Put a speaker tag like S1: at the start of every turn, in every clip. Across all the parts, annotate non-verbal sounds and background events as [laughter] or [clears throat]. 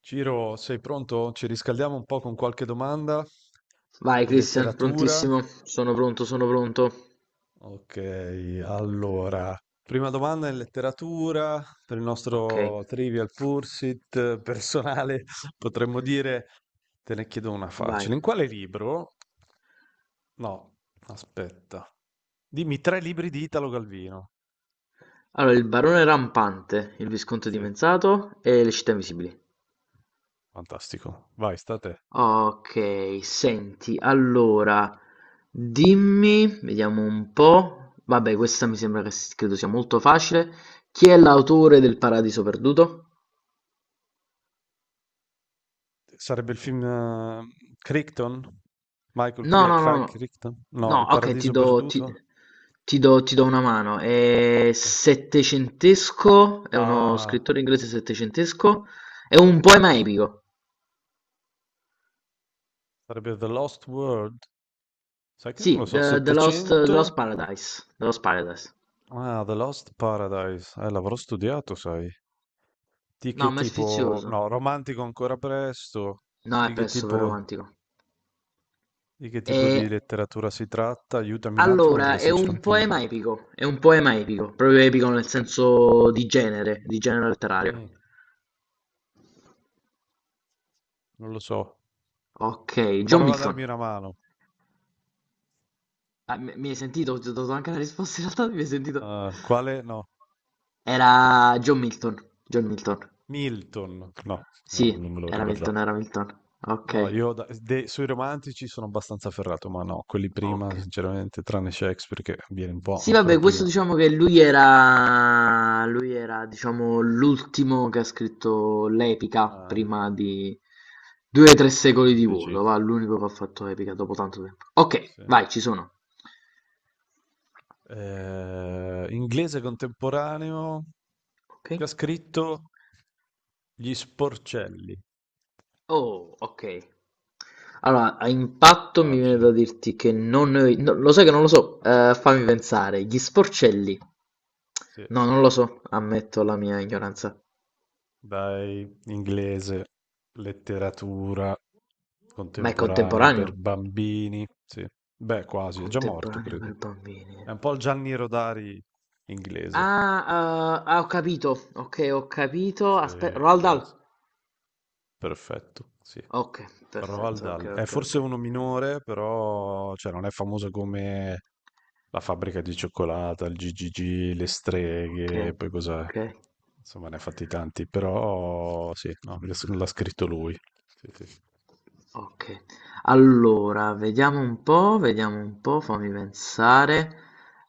S1: Ciro, sei pronto? Ci riscaldiamo un po' con qualche domanda
S2: Vai
S1: di
S2: Christian,
S1: letteratura.
S2: prontissimo? Sono pronto, sono pronto.
S1: Ok, allora, prima domanda in letteratura per il
S2: Ok,
S1: nostro Trivial Pursuit personale, [laughs] potremmo dire, te ne chiedo una
S2: vai.
S1: facile. In quale libro? No, aspetta. Dimmi tre libri di Italo Galvino.
S2: Allora, il barone rampante, il visconte
S1: Sì,
S2: dimenzato e le città invisibili.
S1: fantastico. Vai, sta a te.
S2: Ok, senti, allora, dimmi, vediamo un po'. Vabbè, questa mi sembra credo sia molto facile. Chi è l'autore del Paradiso Perduto?
S1: Sarebbe il film, Crichton? Michael
S2: No,
S1: Cri
S2: no, no,
S1: Craig
S2: no.
S1: Crichton? No,
S2: No,
S1: Il
S2: ok, ti
S1: paradiso
S2: do, ti,
S1: perduto?
S2: ti do, ti do una mano. È
S1: Eh.
S2: settecentesco, è uno
S1: Ah,
S2: scrittore inglese settecentesco, è un poema epico.
S1: sarebbe The Lost World? Sai che non lo
S2: Sì,
S1: so,
S2: The, The Lost, The
S1: 700?
S2: Lost Paradise. The Lost Paradise.
S1: Ah, The Lost Paradise. L'avrò studiato, sai. Di che
S2: No, ma è
S1: tipo? No,
S2: sfizioso.
S1: romantico ancora presto.
S2: No,
S1: Di
S2: è
S1: che
S2: presto per
S1: tipo,
S2: romantico.
S1: di che
S2: E
S1: tipo di letteratura si tratta? Aiutami un attimo perché
S2: allora, è un
S1: sinceramente non mi...
S2: poema epico, è un poema epico, proprio epico nel
S1: Oddio.
S2: senso di genere letterario.
S1: Mm, non lo so.
S2: Ok, John
S1: Prova a
S2: Milton.
S1: darmi una mano.
S2: Ah, mi hai sentito? Ti ho dato anche la risposta in realtà, mi hai sentito?
S1: Quale? No.
S2: Era John Milton, John Milton.
S1: Milton, no, io
S2: Sì,
S1: non me lo
S2: era
S1: ricordavo.
S2: Milton, era Milton.
S1: No,
S2: Ok,
S1: io sui romantici sono abbastanza ferrato, ma no, quelli
S2: ok.
S1: prima, sinceramente, tranne Shakespeare che viene un po'
S2: Sì,
S1: ancora
S2: vabbè, questo
S1: prima
S2: diciamo che lui era, diciamo, l'ultimo che ha scritto l'epica
S1: ah,
S2: prima di due o tre
S1: del
S2: secoli di vuoto,
S1: romanticismo.
S2: va, l'unico che ha fatto epica dopo tanto tempo. Ok,
S1: Sì.
S2: vai, ci sono.
S1: Inglese contemporaneo,
S2: Ok.
S1: che ha scritto Gli Sporcelli.
S2: Oh, ok. Allora, a impatto mi viene da
S1: Facile.
S2: dirti che non... ne ho- no, lo sai che non lo so. Fammi pensare, gli sporcelli.
S1: Sì.
S2: No, non lo so, ammetto la mia ignoranza.
S1: Dai, inglese, letteratura
S2: Ma è
S1: contemporanea per
S2: contemporaneo?
S1: bambini. Sì. Beh, quasi, è già morto,
S2: Contemporaneo
S1: credo.
S2: per bambini.
S1: È un po' il Gianni Rodari inglese.
S2: Ah, ah, ho capito, ok, ho capito,
S1: Sì,
S2: aspetta, Roald
S1: che lo-
S2: Dahl.
S1: Perfetto, sì.
S2: Ok,
S1: Roald
S2: perfetto, ok,
S1: Dahl. È
S2: ok, ok.
S1: forse uno minore, però cioè, non è famoso come la fabbrica di cioccolata, il GGG, le
S2: Ok,
S1: streghe, poi cos'è?
S2: ok.
S1: Insomma, ne ha fatti tanti, però sì, no, l'ha scritto lui. Sì, sì.
S2: Okay. Allora, vediamo un po', fammi pensare.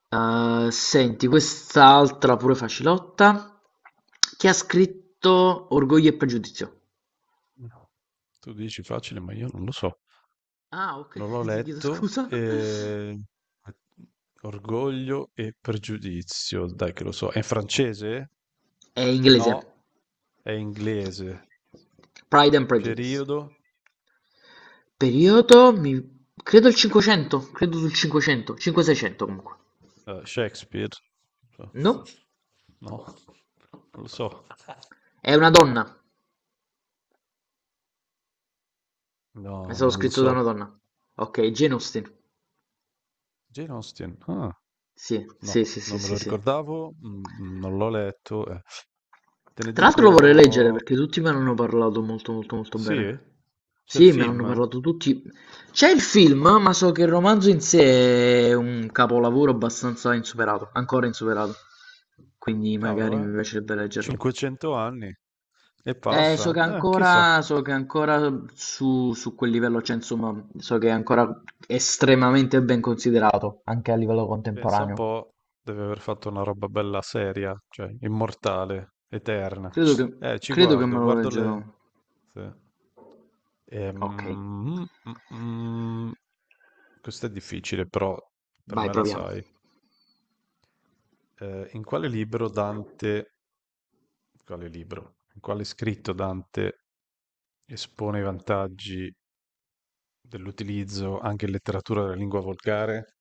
S2: Senti, quest'altra pure facilotta. Chi ha scritto Orgoglio e Pregiudizio?
S1: No. Tu dici facile, ma io non lo so.
S2: Ah, ok,
S1: Non l'ho
S2: [laughs] ti chiedo
S1: letto.
S2: scusa.
S1: Orgoglio e pregiudizio, dai che lo so. È in francese?
S2: È inglese.
S1: No, è inglese.
S2: Pride and Prejudice.
S1: Periodo,
S2: Periodo, credo il 500, credo sul 500, 500-600 comunque.
S1: Shakespeare. No,
S2: No?
S1: non lo so.
S2: È una donna. È
S1: No,
S2: stato
S1: non lo
S2: scritto da
S1: so.
S2: una donna. Ok, Jane Austen.
S1: Jane Austen. Ah,
S2: Sì, sì,
S1: no,
S2: sì, sì,
S1: non me
S2: sì,
S1: lo
S2: sì.
S1: ricordavo, non l'ho letto. Te ne
S2: Tra l'altro lo vorrei leggere
S1: dico...
S2: perché tutti me ne hanno parlato molto molto molto
S1: Sì?
S2: bene.
S1: C'è il
S2: Sì, me ne hanno
S1: film.
S2: parlato tutti. C'è il film, ma so che il romanzo in sé è un capolavoro abbastanza insuperato, ancora insuperato. Quindi
S1: Cavolo,
S2: magari
S1: eh.
S2: mi piacerebbe leggerlo.
S1: 500 anni. E
S2: So
S1: passa.
S2: che
S1: Chissà.
S2: ancora su quel livello c'è, insomma, so che è ancora estremamente ben considerato, anche a livello
S1: Pensa un
S2: contemporaneo.
S1: po', deve aver fatto una roba bella seria, cioè immortale, eterna.
S2: Credo che,
S1: Ci
S2: credo che
S1: guardo,
S2: me lo
S1: guardo le...
S2: leggerò.
S1: sì.
S2: Ok.
S1: Ehm, mm, mm, mm. Questo è difficile, però per
S2: Vai,
S1: me la
S2: proviamo.
S1: sai. Eh, in quale libro Dante, in quale scritto Dante espone i vantaggi dell'utilizzo anche in letteratura della lingua volgare?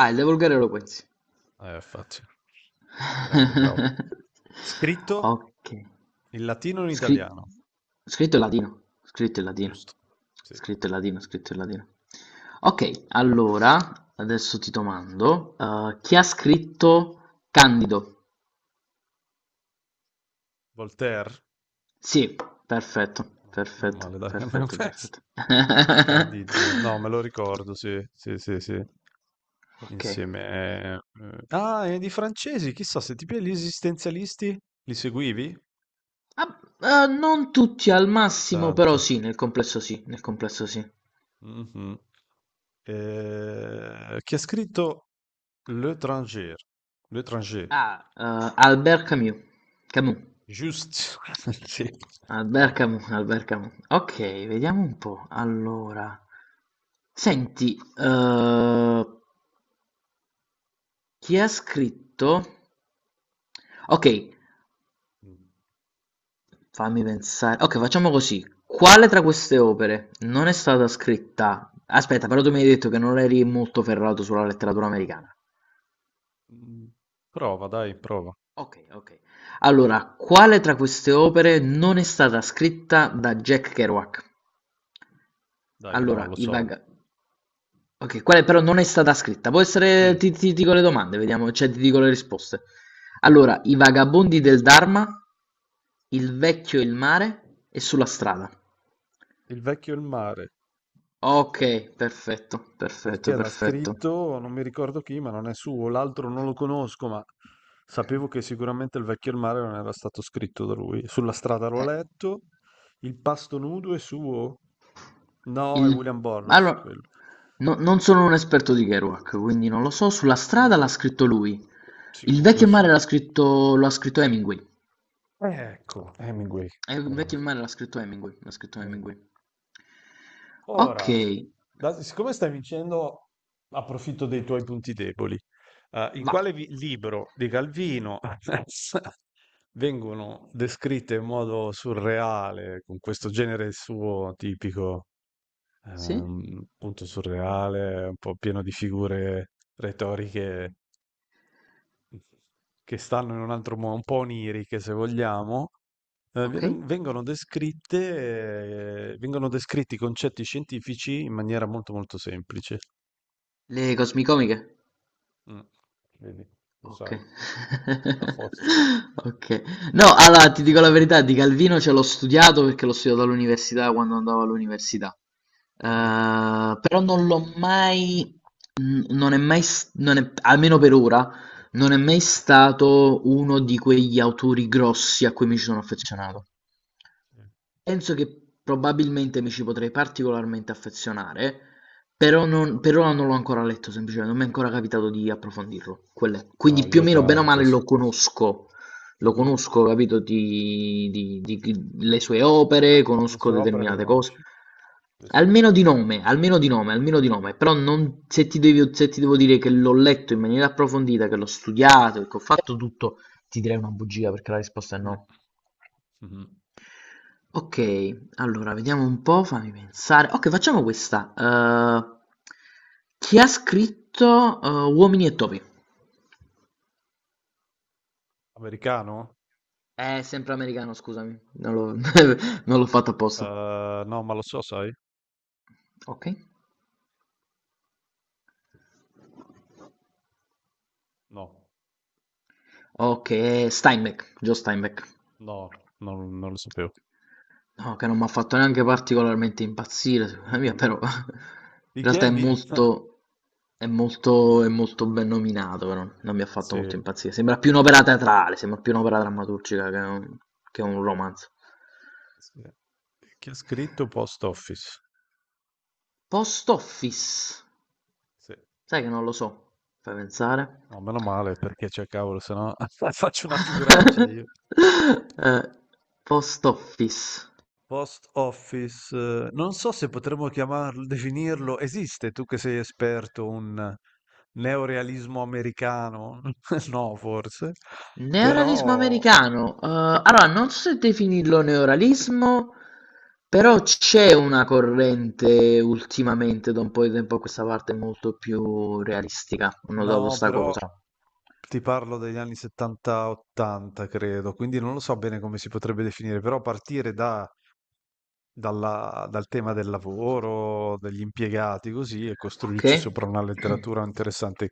S2: Ah, il De Volgare Eloquenzi.
S1: Facile. Grande, bravo.
S2: [laughs]
S1: Scritto?
S2: Ok.
S1: In latino e in
S2: Scri-
S1: italiano,
S2: Scritto in latino. Scritto in latino.
S1: giusto? Sì.
S2: Scritto in latino, scritto in latino. Ok,
S1: Vai.
S2: allora, adesso ti domando, chi ha scritto Candido?
S1: Voltaire?
S2: Sì, perfetto,
S1: No, meno
S2: perfetto,
S1: male, dai. [laughs] Almeno
S2: perfetto,
S1: questo.
S2: perfetto. [laughs]
S1: Candide, no, me lo ricordo, sì, sì, sì, sì.
S2: Ok.
S1: Insieme. eh, Ah, e di francesi, chissà se tipi gli esistenzialisti li seguivi?
S2: Ah, non tutti al
S1: Non
S2: massimo,
S1: tanto.
S2: però sì, nel complesso sì, nel complesso sì.
S1: Mhm. Chi ha scritto L'étranger? L'étranger,
S2: Ah, Albert Camus. Camus.
S1: giusto? [laughs] Sì,
S2: Albert
S1: vai.
S2: Camus, Albert Camus. Ok, vediamo un po'. Allora, senti, chi ha scritto? Ok, fammi pensare. Ok, facciamo così. Quale tra queste opere non è stata scritta? Aspetta, però tu mi hai detto che non eri molto ferrato sulla letteratura americana.
S1: Mm. Prova.
S2: Ok, ok. Allora, quale tra queste opere non è stata scritta da Jack Kerouac?
S1: Dai, no,
S2: Allora,
S1: lo so.
S2: ok, quale però non è stata scritta. Può essere...
S1: Sì.
S2: Ti dico le domande, vediamo, cioè ti dico le risposte.
S1: Mm.
S2: Allora, i vagabondi del Dharma, il vecchio e il mare e sulla strada.
S1: Il vecchio e il mare,
S2: Ok, perfetto, perfetto,
S1: perché l'ha
S2: perfetto.
S1: scritto, non mi ricordo chi, ma non è suo, l'altro non lo conosco, ma sapevo che sicuramente il vecchio e il mare non era stato scritto da lui. Sulla strada l'ho
S2: Eh,
S1: letto, il pasto nudo è suo? No, è
S2: il...
S1: William Burroughs
S2: Allora,
S1: quello.
S2: non sono un esperto di Kerouac, quindi non lo so. Sulla
S1: Mm,
S2: strada l'ha scritto lui. Il vecchio
S1: sicuro,
S2: e il
S1: sì.
S2: mare lo ha scritto Hemingway.
S1: Ecco, Hemingway.
S2: Il vecchio
S1: Grande.
S2: e il mare l'ha scritto Hemingway, l'ha scritto
S1: Eh.
S2: Hemingway. Ok,
S1: Ora, siccome stai vincendo, approfitto dei tuoi punti deboli. Eh, in
S2: vai.
S1: quale vi- libro di Calvino [laughs] vengono descritte in modo surreale, con questo genere suo tipico,
S2: Sì?
S1: appunto surreale, un po' pieno di figure retoriche che stanno in un altro modo, un po' oniriche se vogliamo,
S2: Ok.
S1: vengono descritti i concetti scientifici in maniera molto molto semplice.
S2: Le cosmicomiche?
S1: Mm, vedi, lo
S2: Ok.
S1: sai, [laughs] a posto.
S2: [laughs] Ok. No,
S1: Sì,
S2: allora ti
S1: così.
S2: dico la verità, di Calvino ce l'ho studiato perché l'ho studiato all'università quando andavo all'università.
S1: Mhm,
S2: Però non l'ho mai, non è mai, s- non è- almeno per ora, non è mai stato uno di quegli autori grossi a cui mi ci sono affezionato.
S1: sì.
S2: Penso che probabilmente mi ci potrei particolarmente affezionare, però non, per ora non l'ho ancora letto, semplicemente non mi è ancora capitato di approfondirlo. Quello è.
S1: No,
S2: Quindi più o
S1: io
S2: meno bene o
S1: tanto,
S2: male
S1: sì.
S2: lo
S1: Mhm.
S2: conosco, capito, le sue opere,
S1: Le
S2: conosco
S1: sue opere le
S2: determinate cose.
S1: conosci? Sì, sì.
S2: Almeno di nome, almeno di nome, almeno di nome, però se ti devo dire che l'ho letto in maniera approfondita, che l'ho studiato, che ho fatto tutto, ti direi una bugia perché la risposta è
S1: Mm,
S2: no.
S1: mhm.
S2: Ok, allora vediamo un po', fammi pensare. Ok, facciamo questa. Chi ha scritto Uomini e topi?
S1: Americano?
S2: È sempre americano, scusami. Non l'ho [laughs] non l'ho fatto apposta.
S1: No, ma lo so, sai?
S2: Ok.
S1: No,
S2: Ok, Steinbeck, Joe Steinbeck.
S1: no, non lo sapevo.
S2: No, che non mi ha fatto neanche particolarmente impazzire, secondo me,
S1: Mhm.
S2: però [laughs] in
S1: Di chi è
S2: realtà
S1: lì? [laughs]
S2: è molto ben nominato, però non mi ha fatto
S1: Sì,
S2: molto impazzire. Sembra più un'opera teatrale, sembra più un'opera drammaturgica che un romanzo.
S1: sì. Chi ha scritto Post Office?
S2: Post Office?
S1: Sì.
S2: Sai che non lo so, fai pensare.
S1: No, meno male perché c'è cavolo, se no [laughs] faccio una figuraccia
S2: [laughs]
S1: io.
S2: Eh, Post Office.
S1: Post office, non so se potremmo chiamarlo, definirlo, esiste, tu che sei esperto, un neorealismo americano? [laughs] No, forse,
S2: Neorealismo
S1: però,
S2: americano. Allora, non so se definirlo neorealismo, però c'è una corrente ultimamente, da un po' di tempo a questa parte, molto più realistica. Ho notato
S1: no,
S2: sta
S1: però
S2: cosa.
S1: ti parlo degli anni 70-80, credo, quindi non lo so bene come si potrebbe definire, però partire dal tema del lavoro, degli impiegati, così, e
S2: Ok?
S1: costruirci sopra una
S2: [clears throat]
S1: letteratura interessante.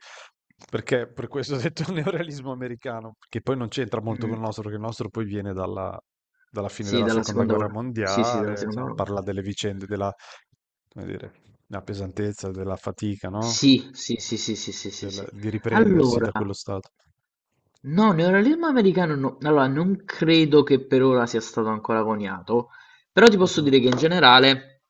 S1: Perché per questo ho detto [laughs] neorealismo americano, che poi non c'entra molto con il
S2: Mm.
S1: nostro, perché il nostro poi viene dalla fine
S2: Sì,
S1: della
S2: dalla
S1: seconda
S2: seconda
S1: guerra
S2: ora. Sì, sì, dalla
S1: mondiale,
S2: seconda
S1: insomma,
S2: ora.
S1: parla delle vicende della, come dire, la pesantezza, della fatica, no?
S2: Sì, sì, sì, sì, sì, sì, sì,
S1: Del-
S2: sì.
S1: di riprendersi
S2: Allora.
S1: da quello stato.
S2: No, neorealismo americano no. Allora, non credo che per ora sia stato ancora coniato, però ti posso
S1: Mhm,
S2: dire che in generale,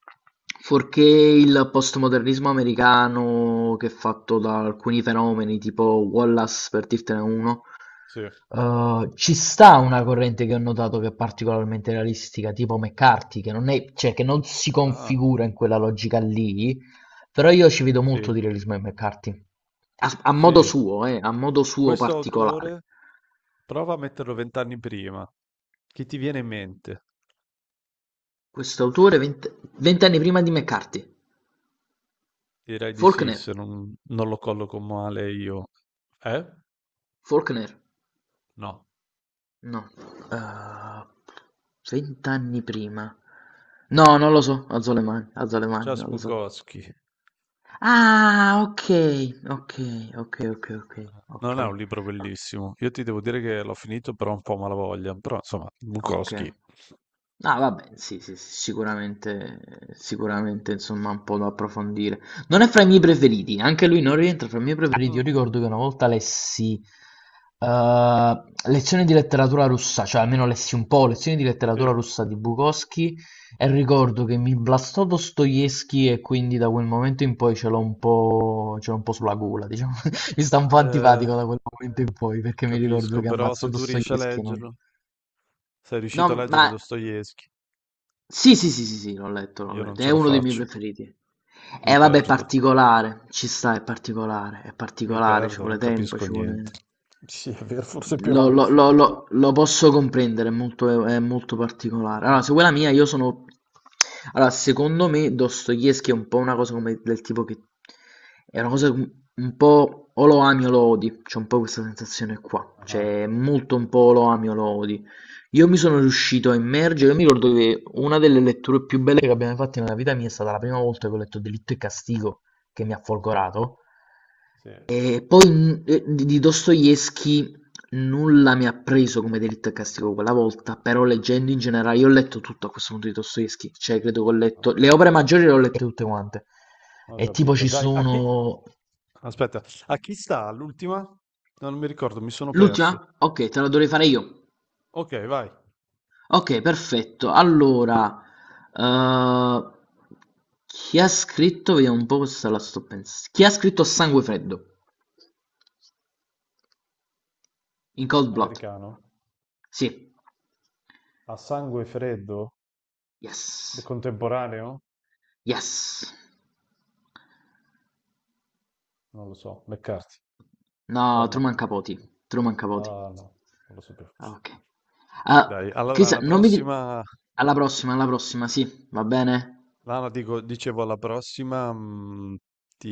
S2: fuorché il postmodernismo americano che è fatto da alcuni fenomeni tipo Wallace, per dirtene uno,
S1: sì.
S2: ci sta una corrente che ho notato che è particolarmente realistica, tipo McCarthy, che non è, cioè, che non si
S1: Ah,
S2: configura in quella logica lì, però io ci vedo
S1: sì,
S2: molto di realismo in McCarthy. A modo
S1: sì.
S2: suo, a modo suo
S1: Questo
S2: particolare.
S1: autore prova a metterlo vent'anni prima. Che ti viene in mente?
S2: Quest'autore vent'anni prima di McCarthy,
S1: Direi di sì,
S2: Faulkner,
S1: se non lo colloco male io. Eh?
S2: Faulkner,
S1: No.
S2: no, eh, vent'anni prima, no, non lo so, alzo le mani,
S1: Charles
S2: non lo so.
S1: Bukowski.
S2: Ah, ok, ok, ok, ok, ok, ok.
S1: Non è un libro bellissimo. Io ti devo dire che l'ho finito però un po' a malavoglia. Però insomma,
S2: Okay.
S1: Bukowski.
S2: Ah vabbè, sì, sì, sì, sicuramente sicuramente insomma un po' da approfondire. Non è fra i miei preferiti, anche lui non rientra fra i miei preferiti. Io
S1: Mm,
S2: ricordo che una volta lessi, lezioni di letteratura russa, cioè almeno lessi un po', lezioni di
S1: sì.
S2: letteratura russa di Bukowski e ricordo che mi blastò Dostoevskij e quindi da quel momento in poi ce l'ho un po' sulla gola diciamo. [laughs] Mi sta un po'
S1: Eh,
S2: antipatico da quel momento in poi, perché mi ricordo
S1: capisco,
S2: che
S1: però
S2: ammazzò
S1: se tu riesci a
S2: Dostoevskij e non.
S1: leggerlo, sei
S2: No,
S1: riuscito a
S2: ma
S1: leggere Dostoevsky,
S2: sì, sì, sì, sì, sì, l'ho letto, l'ho
S1: io non
S2: letto.
S1: ce
S2: È
S1: la
S2: uno dei miei
S1: faccio.
S2: preferiti.
S1: Mi
S2: Eh vabbè, è
S1: perdo,
S2: particolare, ci sta, è
S1: mi
S2: particolare, ci
S1: perdo, non
S2: vuole tempo,
S1: capisco
S2: ci
S1: niente.
S2: vuole...
S1: Sì, è vero, forse più
S2: Lo,
S1: avanti.
S2: lo- lo- lo- lo posso comprendere, è molto particolare. Allora,
S1: Mm.
S2: se vuoi la mia, io sono... Allora, secondo me Dostoevsky è un po' una cosa come del tipo che... È una cosa un po' o lo ami o lo odi, c'è un po' questa sensazione qua.
S1: Ah-ah.
S2: Cioè, molto un
S1: Mh.
S2: po' o lo ami o lo odi. Io mi sono riuscito a immergere, io mi ricordo che una delle letture più belle che abbiamo fatto nella vita mia è stata la prima volta che ho letto Delitto e Castigo, che mi ha
S1: Sì,
S2: folgorato,
S1: sì.
S2: e poi di Dostoevsky nulla mi ha preso come Delitto e Castigo quella volta, però leggendo in generale, io ho letto tutto a questo punto di Dostoevsky, cioè credo che ho
S1: Ah-ah.
S2: letto, le opere maggiori le ho lette tutte quante,
S1: Ho
S2: e tipo
S1: capito.
S2: ci
S1: Dai, a chi
S2: sono...
S1: aspetta, a chi sta l'ultima? No, non mi ricordo, mi sono
S2: L'ultima?
S1: perso.
S2: Ok, te la dovrei fare io.
S1: Okay, vai.
S2: Ok, perfetto. Allora, eh, chi ha scritto, vediamo un po' questa la sto pensando. Chi ha scritto Sangue Freddo? In Cold Blood.
S1: Americano.
S2: Sì.
S1: A sangue freddo?
S2: Yes.
S1: Contemporaneo?
S2: Yes.
S1: Non lo so. McCarthy.
S2: No,
S1: Cormac
S2: Truman Capote.
S1: McCarthy.
S2: Truman Capote.
S1: Ah, no, non lo sapevo.
S2: Ah, ok. Ah,
S1: Dai, allora alla
S2: Cristian, non mi dire...
S1: prossima
S2: Alla prossima, sì, va bene?
S1: no, no, dico dicevo alla prossima, ti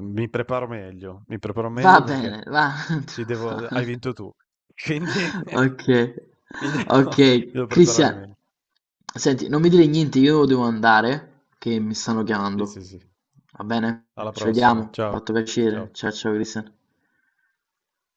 S1: mi preparo
S2: Va
S1: meglio perché
S2: bene, va, [laughs] non ti
S1: ti devo, hai
S2: preoccupare.
S1: vinto tu. Quindi [laughs]
S2: Ok,
S1: mi devo,
S2: ok,
S1: mi devo preparare
S2: Cristian,
S1: meglio.
S2: senti, non mi dire niente, io devo andare, che mi stanno
S1: Sì, sì,
S2: chiamando.
S1: sì.
S2: Va bene?
S1: Alla
S2: Ci
S1: prossima.
S2: vediamo,
S1: Ciao.
S2: fatto piacere.
S1: Ciao.
S2: Ciao ciao Cristian.